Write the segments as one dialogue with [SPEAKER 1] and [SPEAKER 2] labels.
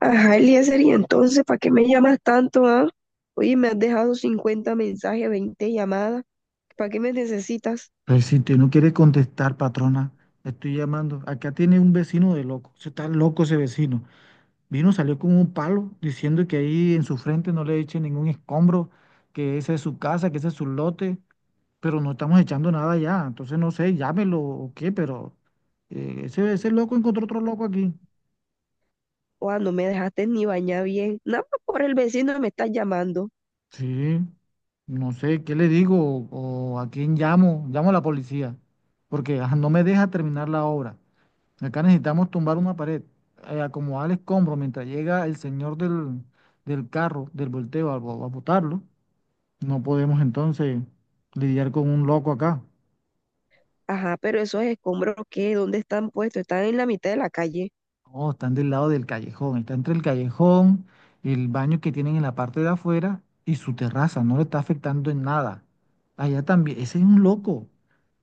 [SPEAKER 1] Ajá, Eliezer, y entonces, ¿para qué me llamas tanto, ah? Oye, me has dejado 50 mensajes, 20 llamadas. ¿Para qué me necesitas?
[SPEAKER 2] Pues si usted no quiere contestar, patrona, le estoy llamando. Acá tiene un vecino de loco. Se está loco ese vecino. Vino, salió con un palo diciendo que ahí en su frente no le echen ningún escombro, que esa es su casa, que ese es su lote, pero no estamos echando nada ya. Entonces no sé, llámelo o qué, pero ese loco encontró otro loco aquí.
[SPEAKER 1] Oa, no me dejaste ni bañar bien. Nada más por el vecino me estás llamando.
[SPEAKER 2] Sí, no sé, ¿qué le digo? ¿O a quién llamo? Llamo a la policía, porque no me deja terminar la obra. Acá necesitamos tumbar una pared, acomodar el escombro mientras llega el señor del carro, del volteo, a botarlo. No podemos entonces lidiar con un loco acá.
[SPEAKER 1] Ajá, pero esos escombros, ¿qué? ¿Dónde están puestos? Están en la mitad de la calle.
[SPEAKER 2] Oh, están del lado del callejón, está entre el callejón, el baño que tienen en la parte de afuera y su terraza, no le está afectando en nada. Allá también, ese es un loco.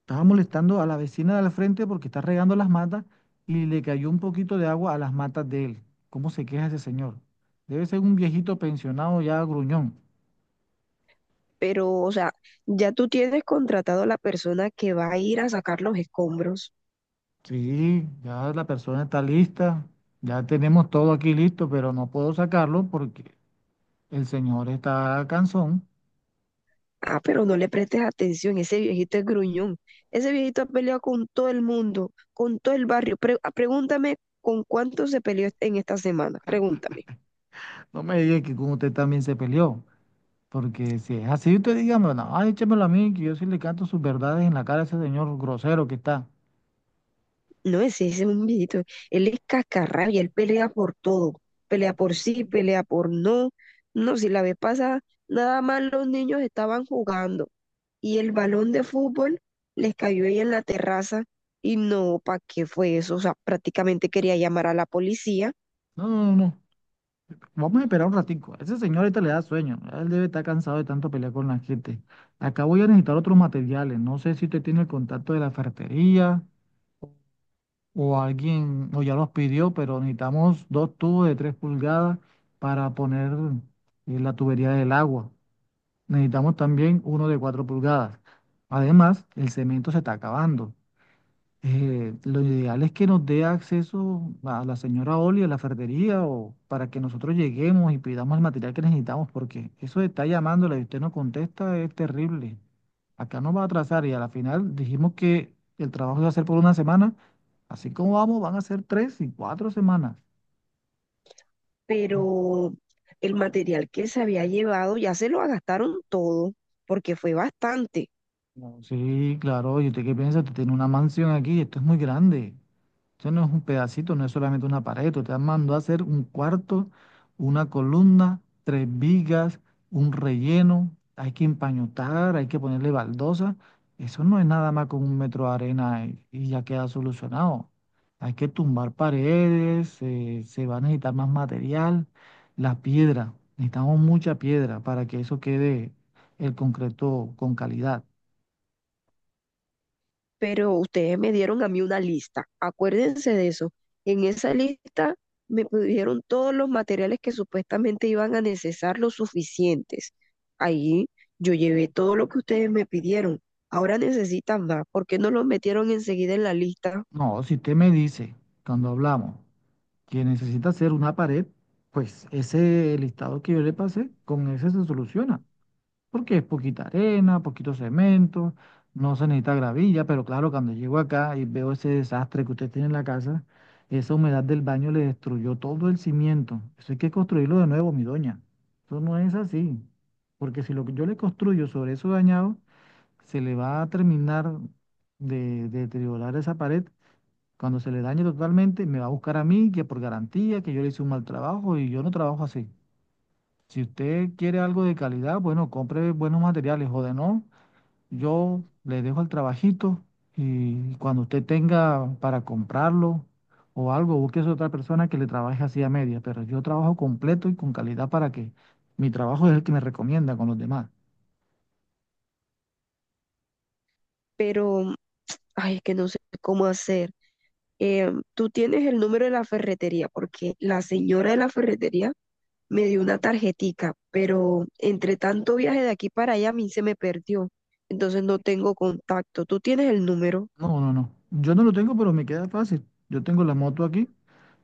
[SPEAKER 2] Estaba molestando a la vecina de al frente porque está regando las matas y le cayó un poquito de agua a las matas de él. ¿Cómo se queja ese señor? Debe ser un viejito pensionado ya gruñón.
[SPEAKER 1] Pero, o sea, ya tú tienes contratado a la persona que va a ir a sacar los escombros.
[SPEAKER 2] Sí, ya la persona está lista, ya tenemos todo aquí listo, pero no puedo sacarlo porque el señor está cansón.
[SPEAKER 1] Ah, pero no le prestes atención, ese viejito es gruñón. Ese viejito ha peleado con todo el mundo, con todo el barrio. Pregúntame con cuánto se peleó en esta semana, pregúntame.
[SPEAKER 2] No me diga que con usted también se peleó, porque si es así, usted dígame, no, ay, échemelo a mí, que yo sí le canto sus verdades en la cara a ese señor grosero que está.
[SPEAKER 1] No, ese es un viejito, él es cascarrabia, él pelea por todo, pelea por sí, pelea por no. No, si la vez pasada, nada más los niños estaban jugando y el balón de fútbol les cayó ahí en la terraza y no, ¿para qué fue eso? O sea, prácticamente quería llamar a la policía.
[SPEAKER 2] No, no, no, no. Vamos a esperar un ratico. Ese señor ahorita le da sueño. Él debe estar cansado de tanto pelear con la gente. Acá voy a necesitar otros materiales. No sé si usted tiene el contacto de la ferretería o alguien, o ya los pidió, pero necesitamos dos tubos de 3 pulgadas para poner la tubería del agua. Necesitamos también uno de 4 pulgadas. Además, el cemento se está acabando. Lo ideal es que nos dé acceso a la señora Oli, a la ferretería, o para que nosotros lleguemos y pidamos el material que necesitamos, porque eso de estar llamándola y usted no contesta es terrible. Acá nos va a atrasar y a la final dijimos que el trabajo iba a ser por una semana. Así como vamos, van a ser 3 y 4 semanas.
[SPEAKER 1] Pero el material que se había llevado ya se lo gastaron todo, porque fue bastante.
[SPEAKER 2] No, sí, claro, ¿y usted qué piensa? Usted tiene una mansión aquí, esto es muy grande. Esto no es un pedacito, no es solamente una pared. Usted mandó a hacer un cuarto, una columna, tres vigas, un relleno. Hay que empañotar, hay que ponerle baldosa. Eso no es nada más con un metro de arena y ya queda solucionado. Hay que tumbar paredes, se va a necesitar más material. La piedra, necesitamos mucha piedra para que eso quede el concreto con calidad.
[SPEAKER 1] Pero ustedes me dieron a mí una lista, acuérdense de eso. En esa lista me pidieron todos los materiales que supuestamente iban a necesitar los suficientes. Ahí yo llevé todo lo que ustedes me pidieron. Ahora necesitan más. ¿Por qué no los metieron enseguida en la lista?
[SPEAKER 2] No, si usted me dice cuando hablamos que necesita hacer una pared, pues ese listado que yo le pasé, con ese se soluciona, porque es poquita arena, poquito cemento, no se necesita gravilla, pero claro, cuando llego acá y veo ese desastre que usted tiene en la casa, esa humedad del baño le destruyó todo el cimiento. Eso hay que construirlo de nuevo, mi doña. Eso no es así, porque si lo que yo le construyo sobre eso dañado, se le va a terminar de deteriorar esa pared cuando se le dañe totalmente, me va a buscar a mí, que por garantía, que yo le hice un mal trabajo y yo no trabajo así. Si usted quiere algo de calidad, bueno, compre buenos materiales o de no, yo le dejo el trabajito y cuando usted tenga para comprarlo o algo, busque a otra persona que le trabaje así a media, pero yo trabajo completo y con calidad para que mi trabajo es el que me recomienda con los demás.
[SPEAKER 1] Pero, ay, que no sé cómo hacer. Tú tienes el número de la ferretería, porque la señora de la ferretería me dio una tarjetica, pero entre tanto viaje de aquí para allá a mí se me perdió, entonces no tengo contacto. ¿Tú tienes el número?
[SPEAKER 2] No, no, no. Yo no lo tengo, pero me queda fácil. Yo tengo la moto aquí.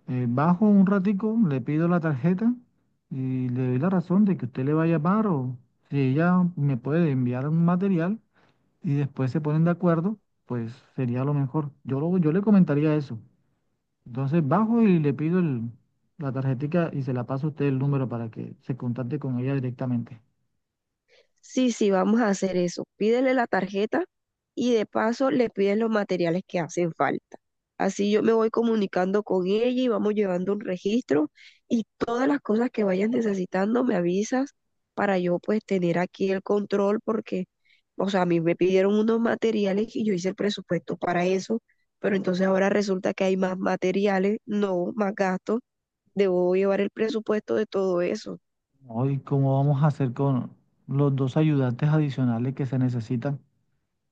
[SPEAKER 2] Bajo un ratico, le pido la tarjeta y le doy la razón de que usted le va a llamar o si ella me puede enviar un material y después se ponen de acuerdo, pues sería lo mejor. Yo le comentaría eso. Entonces bajo y le pido la tarjetica y se la paso a usted el número para que se contacte con ella directamente.
[SPEAKER 1] Sí, sí, vamos a hacer eso. Pídele la tarjeta y de paso le pides los materiales que hacen falta. Así yo me voy comunicando con ella y vamos llevando un registro y todas las cosas que vayas necesitando me avisas para yo pues tener aquí el control porque, o sea, a mí me pidieron unos materiales y yo hice el presupuesto para eso, pero entonces ahora resulta que hay más materiales, no más gastos, debo llevar el presupuesto de todo eso.
[SPEAKER 2] Hoy, ¿cómo vamos a hacer con los dos ayudantes adicionales que se necesitan?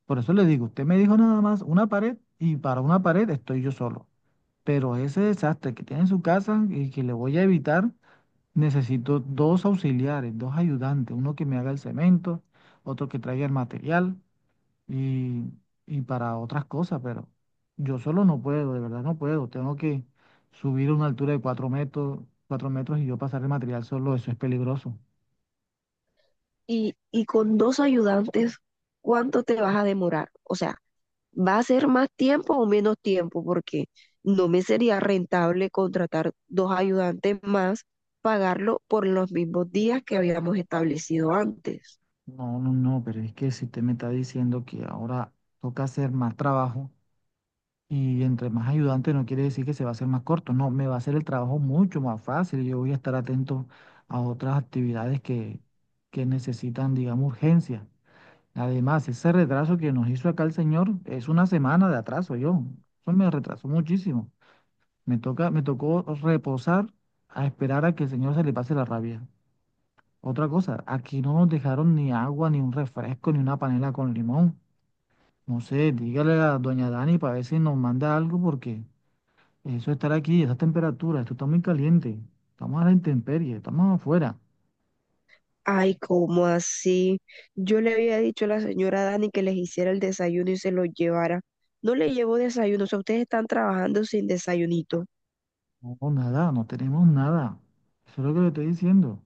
[SPEAKER 2] Por eso le digo, usted me dijo nada más una pared y para una pared estoy yo solo. Pero ese desastre que tiene en su casa y que le voy a evitar, necesito dos auxiliares, dos ayudantes, uno que me haga el cemento, otro que traiga el material y, y para otras cosas, pero yo solo no puedo, de verdad no puedo. Tengo que subir a una altura de 4 metros, 4 metros, y yo pasar el material solo, eso es peligroso.
[SPEAKER 1] Y con 2 ayudantes, ¿cuánto te vas a demorar? O sea, ¿va a ser más tiempo o menos tiempo? Porque no me sería rentable contratar 2 ayudantes más, pagarlo por los mismos días que habíamos establecido antes.
[SPEAKER 2] No, no, no, pero es que si usted me está diciendo que ahora toca hacer más trabajo. Y entre más ayudante no quiere decir que se va a hacer más corto, no, me va a hacer el trabajo mucho más fácil. Yo voy a estar atento a otras actividades que necesitan, digamos, urgencia. Además, ese retraso que nos hizo acá el señor es una semana de atraso, yo. Eso me retrasó muchísimo. Me toca, me tocó reposar, a esperar a que el señor se le pase la rabia. Otra cosa, aquí no nos dejaron ni agua, ni un refresco, ni una panela con limón. No sé, dígale a doña Dani para ver si nos manda algo porque, eso, estar aquí, esas temperaturas, esto está muy caliente. Estamos a la intemperie, estamos afuera.
[SPEAKER 1] Ay, ¿cómo así? Yo le había dicho a la señora Dani que les hiciera el desayuno y se lo llevara. No le llevo desayuno, o sea, ustedes están trabajando sin desayunito.
[SPEAKER 2] No, nada, no tenemos nada. Eso es lo que le estoy diciendo.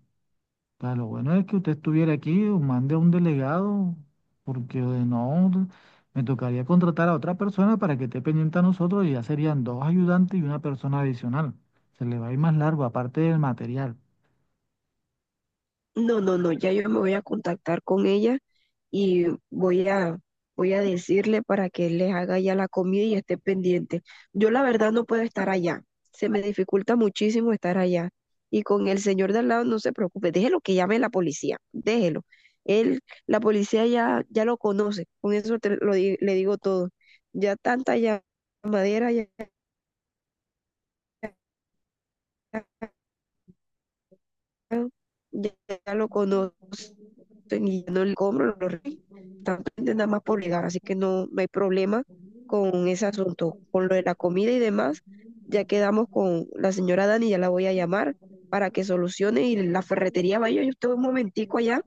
[SPEAKER 2] Pero lo bueno es que usted estuviera aquí o mande a un delegado, porque de no, me tocaría contratar a otra persona para que esté pendiente a nosotros y ya serían dos ayudantes y una persona adicional. Se le va a ir más largo, aparte del material.
[SPEAKER 1] No, no, no, ya yo me voy a contactar con ella y voy a decirle para que él les haga ya la comida y esté pendiente. Yo la verdad no puedo estar allá, se me dificulta muchísimo estar allá. Y con el señor de al lado no se preocupe, déjelo que llame la policía, déjelo. Él, la policía ya lo conoce, con eso le digo todo. Ya tanta llamadera, ya, ya lo conocen y ya no le compro, lo rey, están pendientes nada más por llegar, así que no, no hay problema con ese asunto, con lo de la comida y demás, ya quedamos con la señora Dani, ya la voy a llamar para que solucione y la ferretería vaya, yo estoy un momentico allá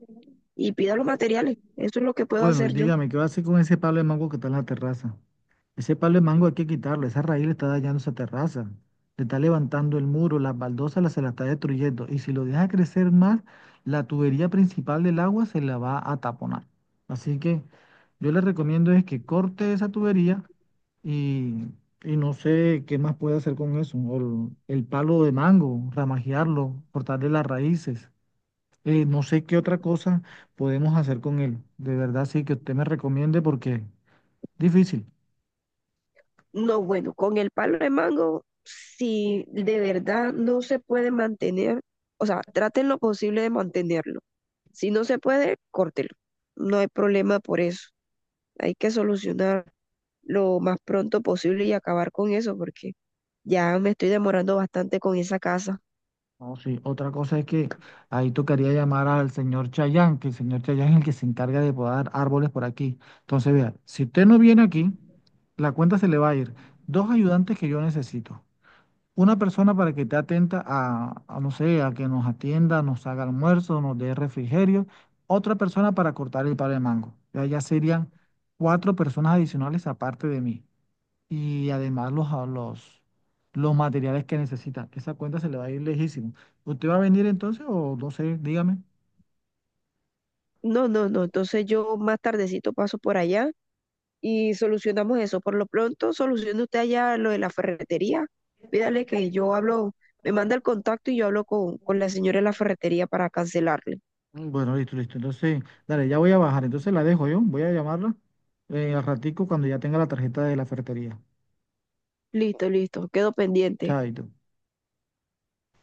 [SPEAKER 1] y pida los materiales, eso es lo que puedo
[SPEAKER 2] Bueno, y
[SPEAKER 1] hacer yo.
[SPEAKER 2] dígame, ¿qué va a hacer con ese palo de mango que está en la terraza? Ese palo de mango hay que quitarlo, esa raíz le está dañando esa terraza, le está levantando el muro, las baldosas se la está destruyendo, y si lo deja crecer más, la tubería principal del agua se la va a taponar. Así que yo le recomiendo es que corte esa tubería y, y no sé qué más puede hacer con eso, o el palo de mango, ramajearlo, cortarle las raíces. No sé qué otra cosa podemos hacer con él. De verdad, sí, que usted me recomiende porque difícil.
[SPEAKER 1] No, bueno, con el palo de mango, si de verdad no se puede mantener, o sea, traten lo posible de mantenerlo. Si no se puede, córtelo. No hay problema por eso. Hay que solucionar lo más pronto posible y acabar con eso porque ya me estoy demorando bastante con esa casa.
[SPEAKER 2] No, sí. Otra cosa es que ahí tocaría llamar al señor Chayán, que el señor Chayán es el que se encarga de podar árboles por aquí. Entonces, vea, si usted no viene aquí, la cuenta se le va a ir. Dos ayudantes que yo necesito. Una persona para que esté atenta a, no sé, a que nos atienda, nos haga almuerzo, nos dé refrigerio. Otra persona para cortar el palo de mango. Ya, ya serían cuatro personas adicionales aparte de mí. Y además los materiales que necesita. Esa cuenta se le va a ir lejísimo. ¿Usted va a venir entonces o no sé? Dígame.
[SPEAKER 1] No, no, no. Entonces yo más tardecito paso por allá y solucionamos eso. Por lo pronto, solucione usted allá lo de la ferretería. Pídale que yo hablo, me manda el contacto y yo hablo con la señora de la ferretería para cancelarle.
[SPEAKER 2] Mm, bueno, listo, listo. Entonces, dale, ya voy a bajar. Entonces la dejo yo. Voy a llamarla al ratico cuando ya tenga la tarjeta de la ferretería.
[SPEAKER 1] Listo, listo, quedo pendiente.
[SPEAKER 2] Chaito.